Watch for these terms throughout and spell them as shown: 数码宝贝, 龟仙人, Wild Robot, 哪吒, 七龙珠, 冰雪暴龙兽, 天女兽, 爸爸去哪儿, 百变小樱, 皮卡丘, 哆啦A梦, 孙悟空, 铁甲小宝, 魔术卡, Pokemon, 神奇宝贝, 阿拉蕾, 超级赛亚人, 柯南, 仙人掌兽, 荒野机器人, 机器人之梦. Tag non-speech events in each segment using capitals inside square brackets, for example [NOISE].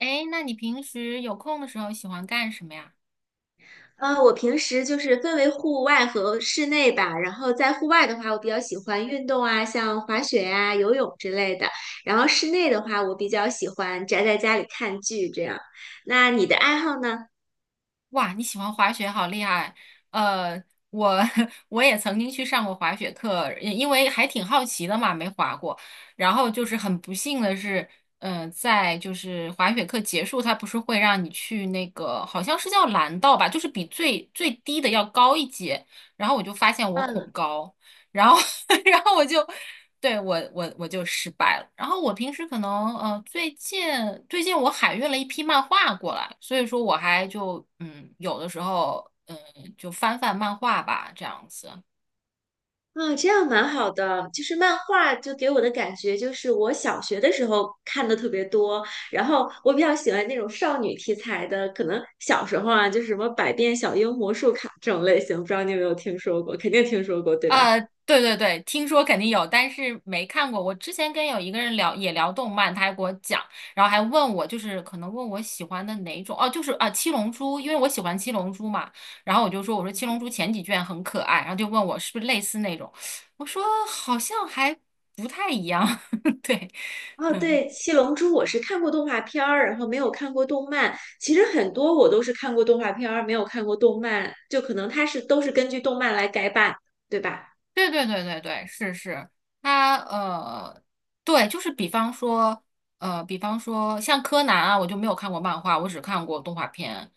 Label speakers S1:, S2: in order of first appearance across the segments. S1: 哎，那你平时有空的时候喜欢干什么呀？
S2: 我平时就是分为户外和室内吧。然后在户外的话，我比较喜欢运动啊，像滑雪呀、游泳之类的。然后室内的话，我比较喜欢宅在家里看剧这样。那你的爱好呢？
S1: 哇，你喜欢滑雪，好厉害！呃，我 [LAUGHS] 我也曾经去上过滑雪课，因为还挺好奇的嘛，没滑过。然后就是很不幸的是，在就是滑雪课结束，他不是会让你去那个好像是叫蓝道吧，就是比最最低的要高一阶。然后我就发现我恐
S2: 嗯
S1: 高。然后 [LAUGHS] 然后我就对我就失败了。然后我平时可能最近我海运了一批漫画过来，所以说我还就有的时候就翻翻漫画吧这样子。
S2: 啊，这样蛮好的。就是漫画，就给我的感觉就是我小学的时候看的特别多，然后我比较喜欢那种少女题材的，可能小时候啊，就是什么《百变小樱》《魔术卡》这种类型，不知道你有没有听说过？肯定听说过，对吧？
S1: 啊，对对对，听说肯定有，但是没看过。我之前跟有一个人聊，也聊动漫，他还给我讲，然后还问我，就是可能问我喜欢的哪种，哦，就是啊，《七龙珠》，因为我喜欢《七龙珠》嘛，然后我就说，我说《七龙珠》前几卷很可爱，然后就问我是不是类似那种，我说好像还不太一样，[LAUGHS] 对，
S2: 哦，
S1: 嗯。
S2: 对，《七龙珠》我是看过动画片儿，然后没有看过动漫。其实很多我都是看过动画片儿，没有看过动漫，就可能它是都是根据动漫来改版，对吧？
S1: 对对对对对，是是，他对，就是比方说，比方说像柯南啊，我就没有看过漫画，我只看过动画片。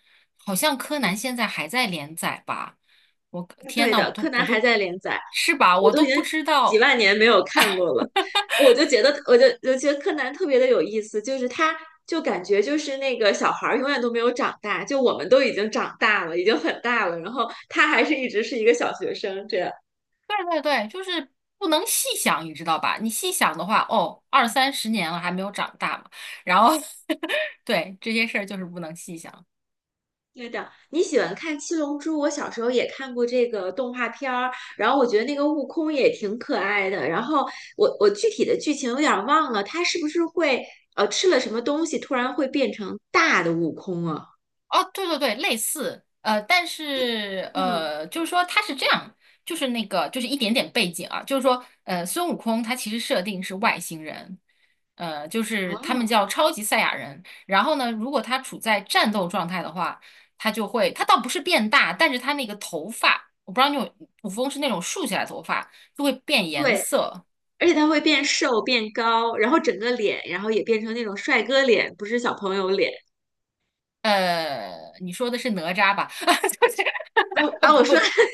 S1: 好像柯南现在还在连载吧？我
S2: 嗯，
S1: 天
S2: 对
S1: 呐，我
S2: 的，
S1: 都
S2: 柯
S1: 我
S2: 南还
S1: 都
S2: 在连载，
S1: 是吧？
S2: 我
S1: 我
S2: 都已
S1: 都
S2: 经
S1: 不知
S2: 几
S1: 道。
S2: 万年没有看过了。我就觉得，我觉得柯南特别的有意思，就是他就感觉就是那个小孩儿永远都没有长大，就我们都已经长大了，已经很大了，然后他还是一直是一个小学生这样。
S1: 对对对，就是不能细想，你知道吧？你细想的话，哦，二三十年了还没有长大嘛。然后 [LAUGHS] 对，这些事儿就是不能细想。
S2: 对的，你喜欢看《七龙珠》，我小时候也看过这个动画片儿，然后我觉得那个悟空也挺可爱的。然后我具体的剧情有点儿忘了，他是不是会吃了什么东西，突然会变成大的悟空啊？
S1: 哦，对对对，类似，但是
S2: 嗯，
S1: 就是说它是这样，就是那个，就是一点点背景啊，就是说，孙悟空他其实设定是外星人，就是他们
S2: 哦，
S1: 叫超级赛亚人。然后呢，如果他处在战斗状态的话，他就会，他倒不是变大，但是他那个头发，我不知道你有，古风是那种竖起来的头发，就会变颜
S2: 对，
S1: 色。
S2: 而且他会变瘦变高，然后整个脸，然后也变成那种帅哥脸，不是小朋友脸。
S1: 你说的是哪吒吧？[LAUGHS] 就是
S2: 啊，啊我说
S1: 不，
S2: [LAUGHS]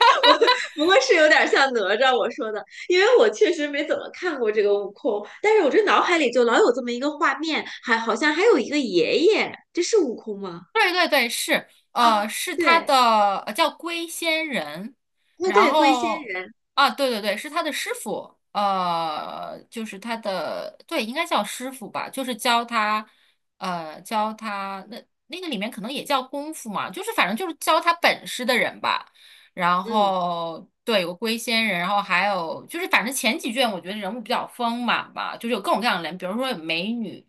S2: [LAUGHS] 我不过是有点像哪吒我说的，因为我确实没怎么看过这个悟空，但是我这脑海里就老有这么一个画面，还好像还有一个爷爷，这是悟空吗？
S1: 对对对，是，
S2: 啊，
S1: 是他
S2: 对，
S1: 的，叫龟仙人，
S2: 啊
S1: 然
S2: 对，龟仙
S1: 后
S2: 人，
S1: 啊，对对对，是他的师傅，就是他的，对，应该叫师傅吧，就是教他那个里面可能也叫功夫嘛，就是反正就是教他本事的人吧。然
S2: 嗯。
S1: 后对，有个龟仙人，然后还有就是反正前几卷我觉得人物比较丰满吧，就是有各种各样的人，比如说有美女。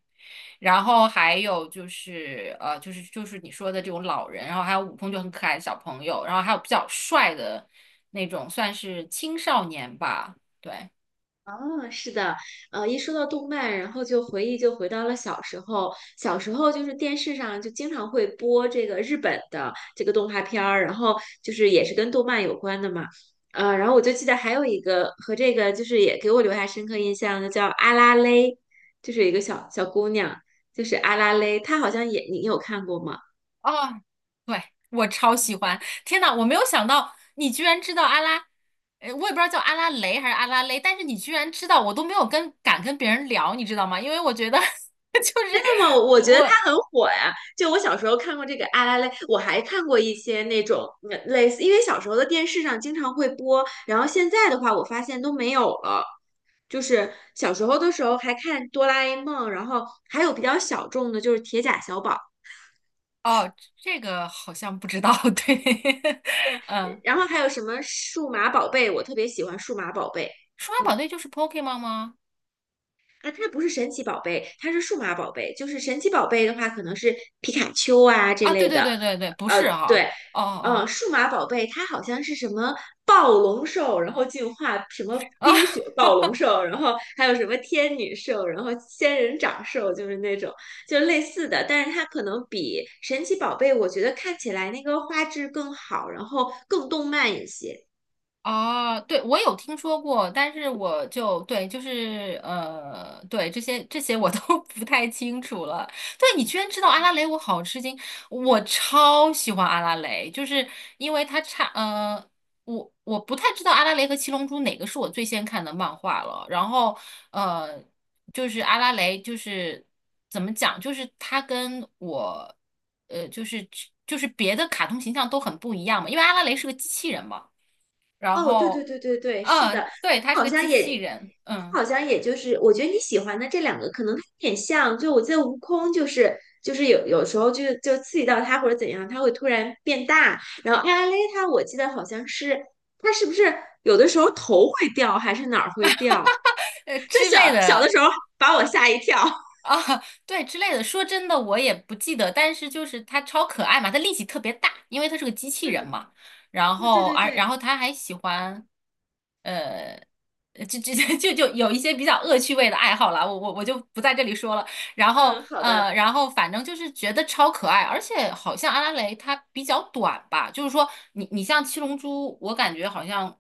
S1: 然后还有就是就是你说的这种老人，然后还有舞风就很可爱的小朋友，然后还有比较帅的那种，算是青少年吧。对，
S2: 哦，是的，一说到动漫，然后就回忆就回到了小时候。小时候就是电视上就经常会播这个日本的这个动画片儿，然后就是也是跟动漫有关的嘛。然后我就记得还有一个和这个就是也给我留下深刻印象的叫阿拉蕾，就是一个小小姑娘，就是阿拉蕾，她好像也你有看过吗？
S1: 哦，对，我超喜欢！天呐，我没有想到你居然知道阿拉，我也不知道叫阿拉蕾还是阿拉蕾，但是你居然知道，我都没有敢跟别人聊，你知道吗？因为我觉得 [LAUGHS] 就是
S2: 那么我觉得它
S1: 我
S2: 很火呀。就我小时候看过这个《阿拉蕾》，我还看过一些那种嗯类似，因为小时候的电视上经常会播，然后现在的话，我发现都没有了。就是小时候的时候还看《哆啦 A 梦》，然后还有比较小众的，就是《铁甲小宝》，
S1: 哦，这个好像不知道，对，[LAUGHS] 嗯，
S2: 然后还有什么《数码宝贝》，我特别喜欢《数码宝贝》。
S1: 数码
S2: 嗯，
S1: 宝贝就是 Pokemon 吗？
S2: 啊，它不是神奇宝贝，它是数码宝贝。就是神奇宝贝的话，可能是皮卡丘啊这
S1: 啊，对
S2: 类
S1: 对
S2: 的。
S1: 对对对，不是哈、
S2: 对，
S1: 哦哦
S2: 数码宝贝它好像是什么暴龙兽，然后进化什么
S1: 哦，啊，
S2: 冰雪暴龙兽，然后还有什么天女兽，然后仙人掌兽，就是那种就类似的，但是它可能比神奇宝贝我觉得看起来那个画质更好，然后更动漫一些。
S1: 哦，对，我有听说过，但是我就对，就是对这些我都 [LAUGHS] 不太清楚了。对，你居然知道阿拉蕾，我好吃惊！我超喜欢阿拉蕾，就是因为我不太知道阿拉蕾和七龙珠哪个是我最先看的漫画了。然后呃，就是阿拉蕾，就是怎么讲，就是它跟我呃，就是就是别的卡通形象都很不一样嘛，因为阿拉蕾是个机器人嘛。然
S2: 哦，对对
S1: 后，
S2: 对对对，是的，
S1: 对，他是
S2: 好
S1: 个
S2: 像
S1: 机器
S2: 也，
S1: 人，嗯，
S2: 好像也就是，我觉得你喜欢的这两个可能有点像，就我记得悟空就是就是有有时候刺激到他或者怎样，他会突然变大，然后艾拉蕾她我记得好像是她是不是有的时候头会掉还是哪儿会掉，
S1: 呃
S2: 就
S1: 之类
S2: 小小的
S1: 的
S2: 时候把我吓一跳。
S1: 啊，对之类的。说真的，我也不记得，但是就是他超可爱嘛，他力气特别大，因为他是个机器人
S2: 嗯，
S1: 嘛。然
S2: 哦，对
S1: 后，
S2: 对
S1: 而然后
S2: 对，
S1: 他还喜欢，呃，就 [LAUGHS] 就有一些比较恶趣味的爱好啦，我就不在这里说了。然后
S2: 嗯，好的，
S1: 然后反正就是觉得超可爱，而且好像阿拉蕾它比较短吧，就是说你像七龙珠，我感觉好像，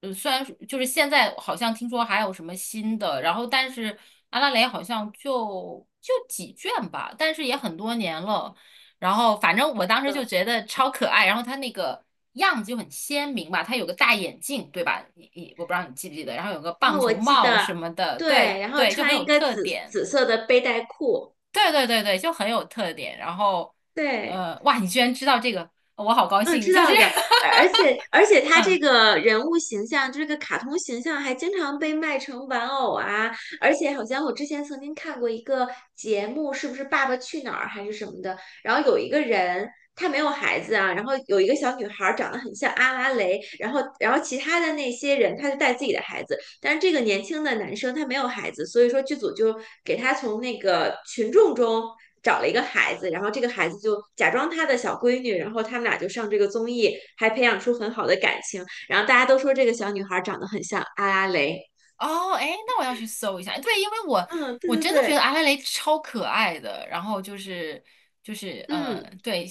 S1: 虽然就是现在好像听说还有什么新的，然后但是阿拉蕾好像就几卷吧，但是也很多年了，然后反正我当时就觉得超可爱，然后它那个样子就很鲜明吧，它有个大眼镜，对吧？你我不知道你记不记得，然后有个棒
S2: 我
S1: 球
S2: 记
S1: 帽
S2: 得
S1: 什么的，
S2: 对，
S1: 对
S2: 然后
S1: 对，就很
S2: 穿
S1: 有
S2: 一个
S1: 特
S2: 紫
S1: 点。
S2: 紫色的背带裤，
S1: 对对对对，就很有特点。然后，
S2: 对。
S1: 哇，你居然知道这个，我好高
S2: 嗯，
S1: 兴。
S2: 知
S1: 就是
S2: 道的，而且
S1: [LAUGHS]
S2: 他这
S1: 嗯，
S2: 个人物形象，就这个卡通形象还经常被卖成玩偶啊，而且好像我之前曾经看过一个节目，是不是《爸爸去哪儿》还是什么的，然后有一个人他没有孩子啊，然后有一个小女孩儿长得很像阿拉蕾，然后其他的那些人他就带自己的孩子，但是这个年轻的男生他没有孩子，所以说剧组就给他从那个群众中找了一个孩子，然后这个孩子就假装他的小闺女，然后他们俩就上这个综艺，还培养出很好的感情。然后大家都说这个小女孩长得很像阿拉蕾，
S1: 哦，哎，那我要去搜一下。对，因为我
S2: 嗯，对
S1: 我
S2: 对
S1: 真的觉
S2: 对，
S1: 得阿拉蕾超可爱的。然后就是
S2: 嗯，
S1: 对，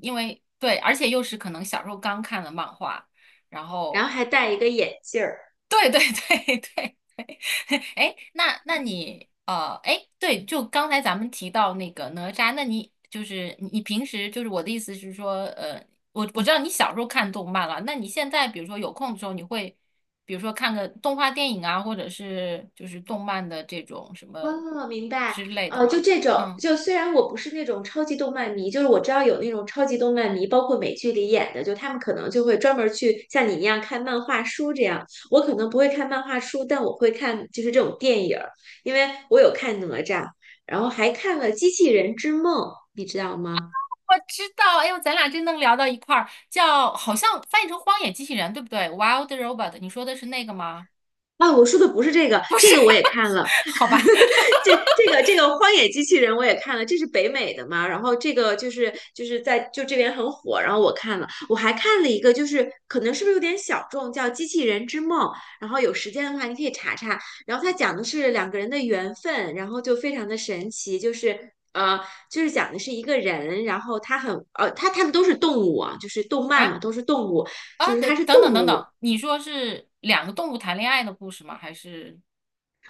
S1: 因为对，而且又是可能小时候刚看的漫画，然
S2: 然
S1: 后
S2: 后还戴一个眼镜儿。
S1: 对对对 [LAUGHS] 对，[LAUGHS] 哎，那你，哎，对，就刚才咱们提到那个哪吒，那你就是你平时就是我的意思是说，我知道你小时候看动漫了，那你现在比如说有空的时候，你会比如说看个动画电影啊，或者是就是动漫的这种什么
S2: 哦，明白。
S1: 之类的
S2: 就
S1: 吗？
S2: 这种，
S1: 嗯，
S2: 就虽然我不是那种超级动漫迷，就是我知道有那种超级动漫迷，包括美剧里演的，就他们可能就会专门儿去像你一样看漫画书这样。我可能不会看漫画书，但我会看就是这种电影儿，因为我有看哪吒，然后还看了《机器人之梦》，你知道吗？
S1: 我知道，哎呦，咱俩真能聊到一块儿，叫好像翻译成《荒野机器人》，对不对？Wild Robot，你说的是那个吗？
S2: 啊，我说的不是这个，这个我也看了。
S1: [LAUGHS] 好吧。[LAUGHS]
S2: 这个《荒野机器人》我也看了，这是北美的嘛，然后这个就是在这边很火，然后我看了，我还看了一个，就是可能是不是有点小众，叫《机器人之梦》，然后有时间的话你可以查查，然后它讲的是两个人的缘分，然后就非常的神奇，就是。就是讲的是一个人，然后他很他们都是动物啊，就是动漫嘛，
S1: 啊。
S2: 都是动物，就
S1: 啊，
S2: 是他
S1: 等
S2: 是
S1: 等
S2: 动
S1: 等等
S2: 物，
S1: 等，你说是两个动物谈恋爱的故事吗？还是？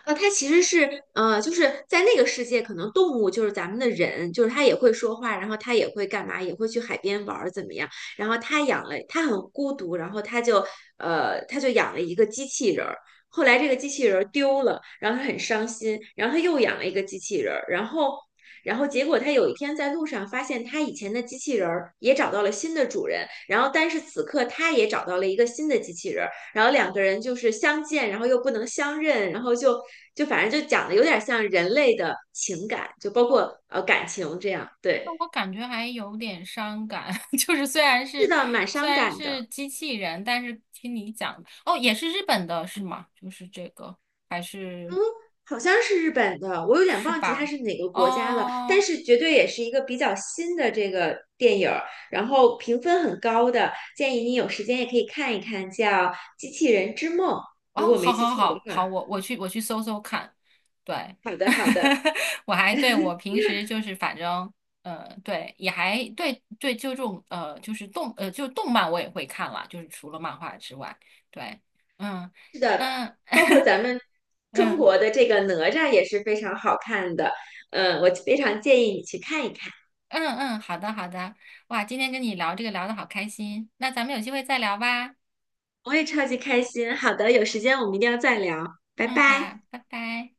S2: 它其实是就是在那个世界，可能动物就是咱们的人，就是它也会说话，然后它也会干嘛，也会去海边玩儿怎么样？然后他养了，他很孤独，然后他就他就养了一个机器人儿。后来这个机器人儿丢了，然后他很伤心，然后他又养了一个机器人儿，然后结果他有一天在路上发现他以前的机器人儿也找到了新的主人，然后但是此刻他也找到了一个新的机器人。然后两个人就是相见，然后又不能相认，然后就就反正就讲的有点像人类的情感，就包括感情这样。
S1: 那
S2: 对，
S1: 我感觉还有点伤感，[LAUGHS] 就是虽然
S2: 是
S1: 是
S2: 的，蛮
S1: 虽
S2: 伤
S1: 然
S2: 感的。
S1: 是机器人，但是听你讲，哦，也是日本的是吗？就是这个，还是
S2: 嗯，好像是日本的，我有点
S1: 是
S2: 忘记它
S1: 吧？
S2: 是哪个国家了，但
S1: 哦
S2: 是绝对也是一个比较新的这个电影儿，然后评分很高的，建议你有时间也可以看一看，叫《机器人之梦》，如
S1: 哦，
S2: 果我
S1: 好
S2: 没记
S1: 好
S2: 错的
S1: 好
S2: 话。
S1: 好，我去搜搜看，对，
S2: 好的，好的。
S1: [LAUGHS] 我还对我平时就是反正对也还对对就这种就是就动漫我也会看了，就是除了漫画之外，对，嗯嗯
S2: 包括
S1: [LAUGHS]
S2: 咱们中
S1: 嗯
S2: 国的这个哪吒也是非常好看的，嗯，我非常建议你去看一看。
S1: 嗯嗯，好的好的，哇，今天跟你聊这个聊得好开心，那咱们有机会再聊吧，
S2: 我也超级开心。好的，有时间我们一定要再聊，拜
S1: 嗯好，
S2: 拜。
S1: 拜拜。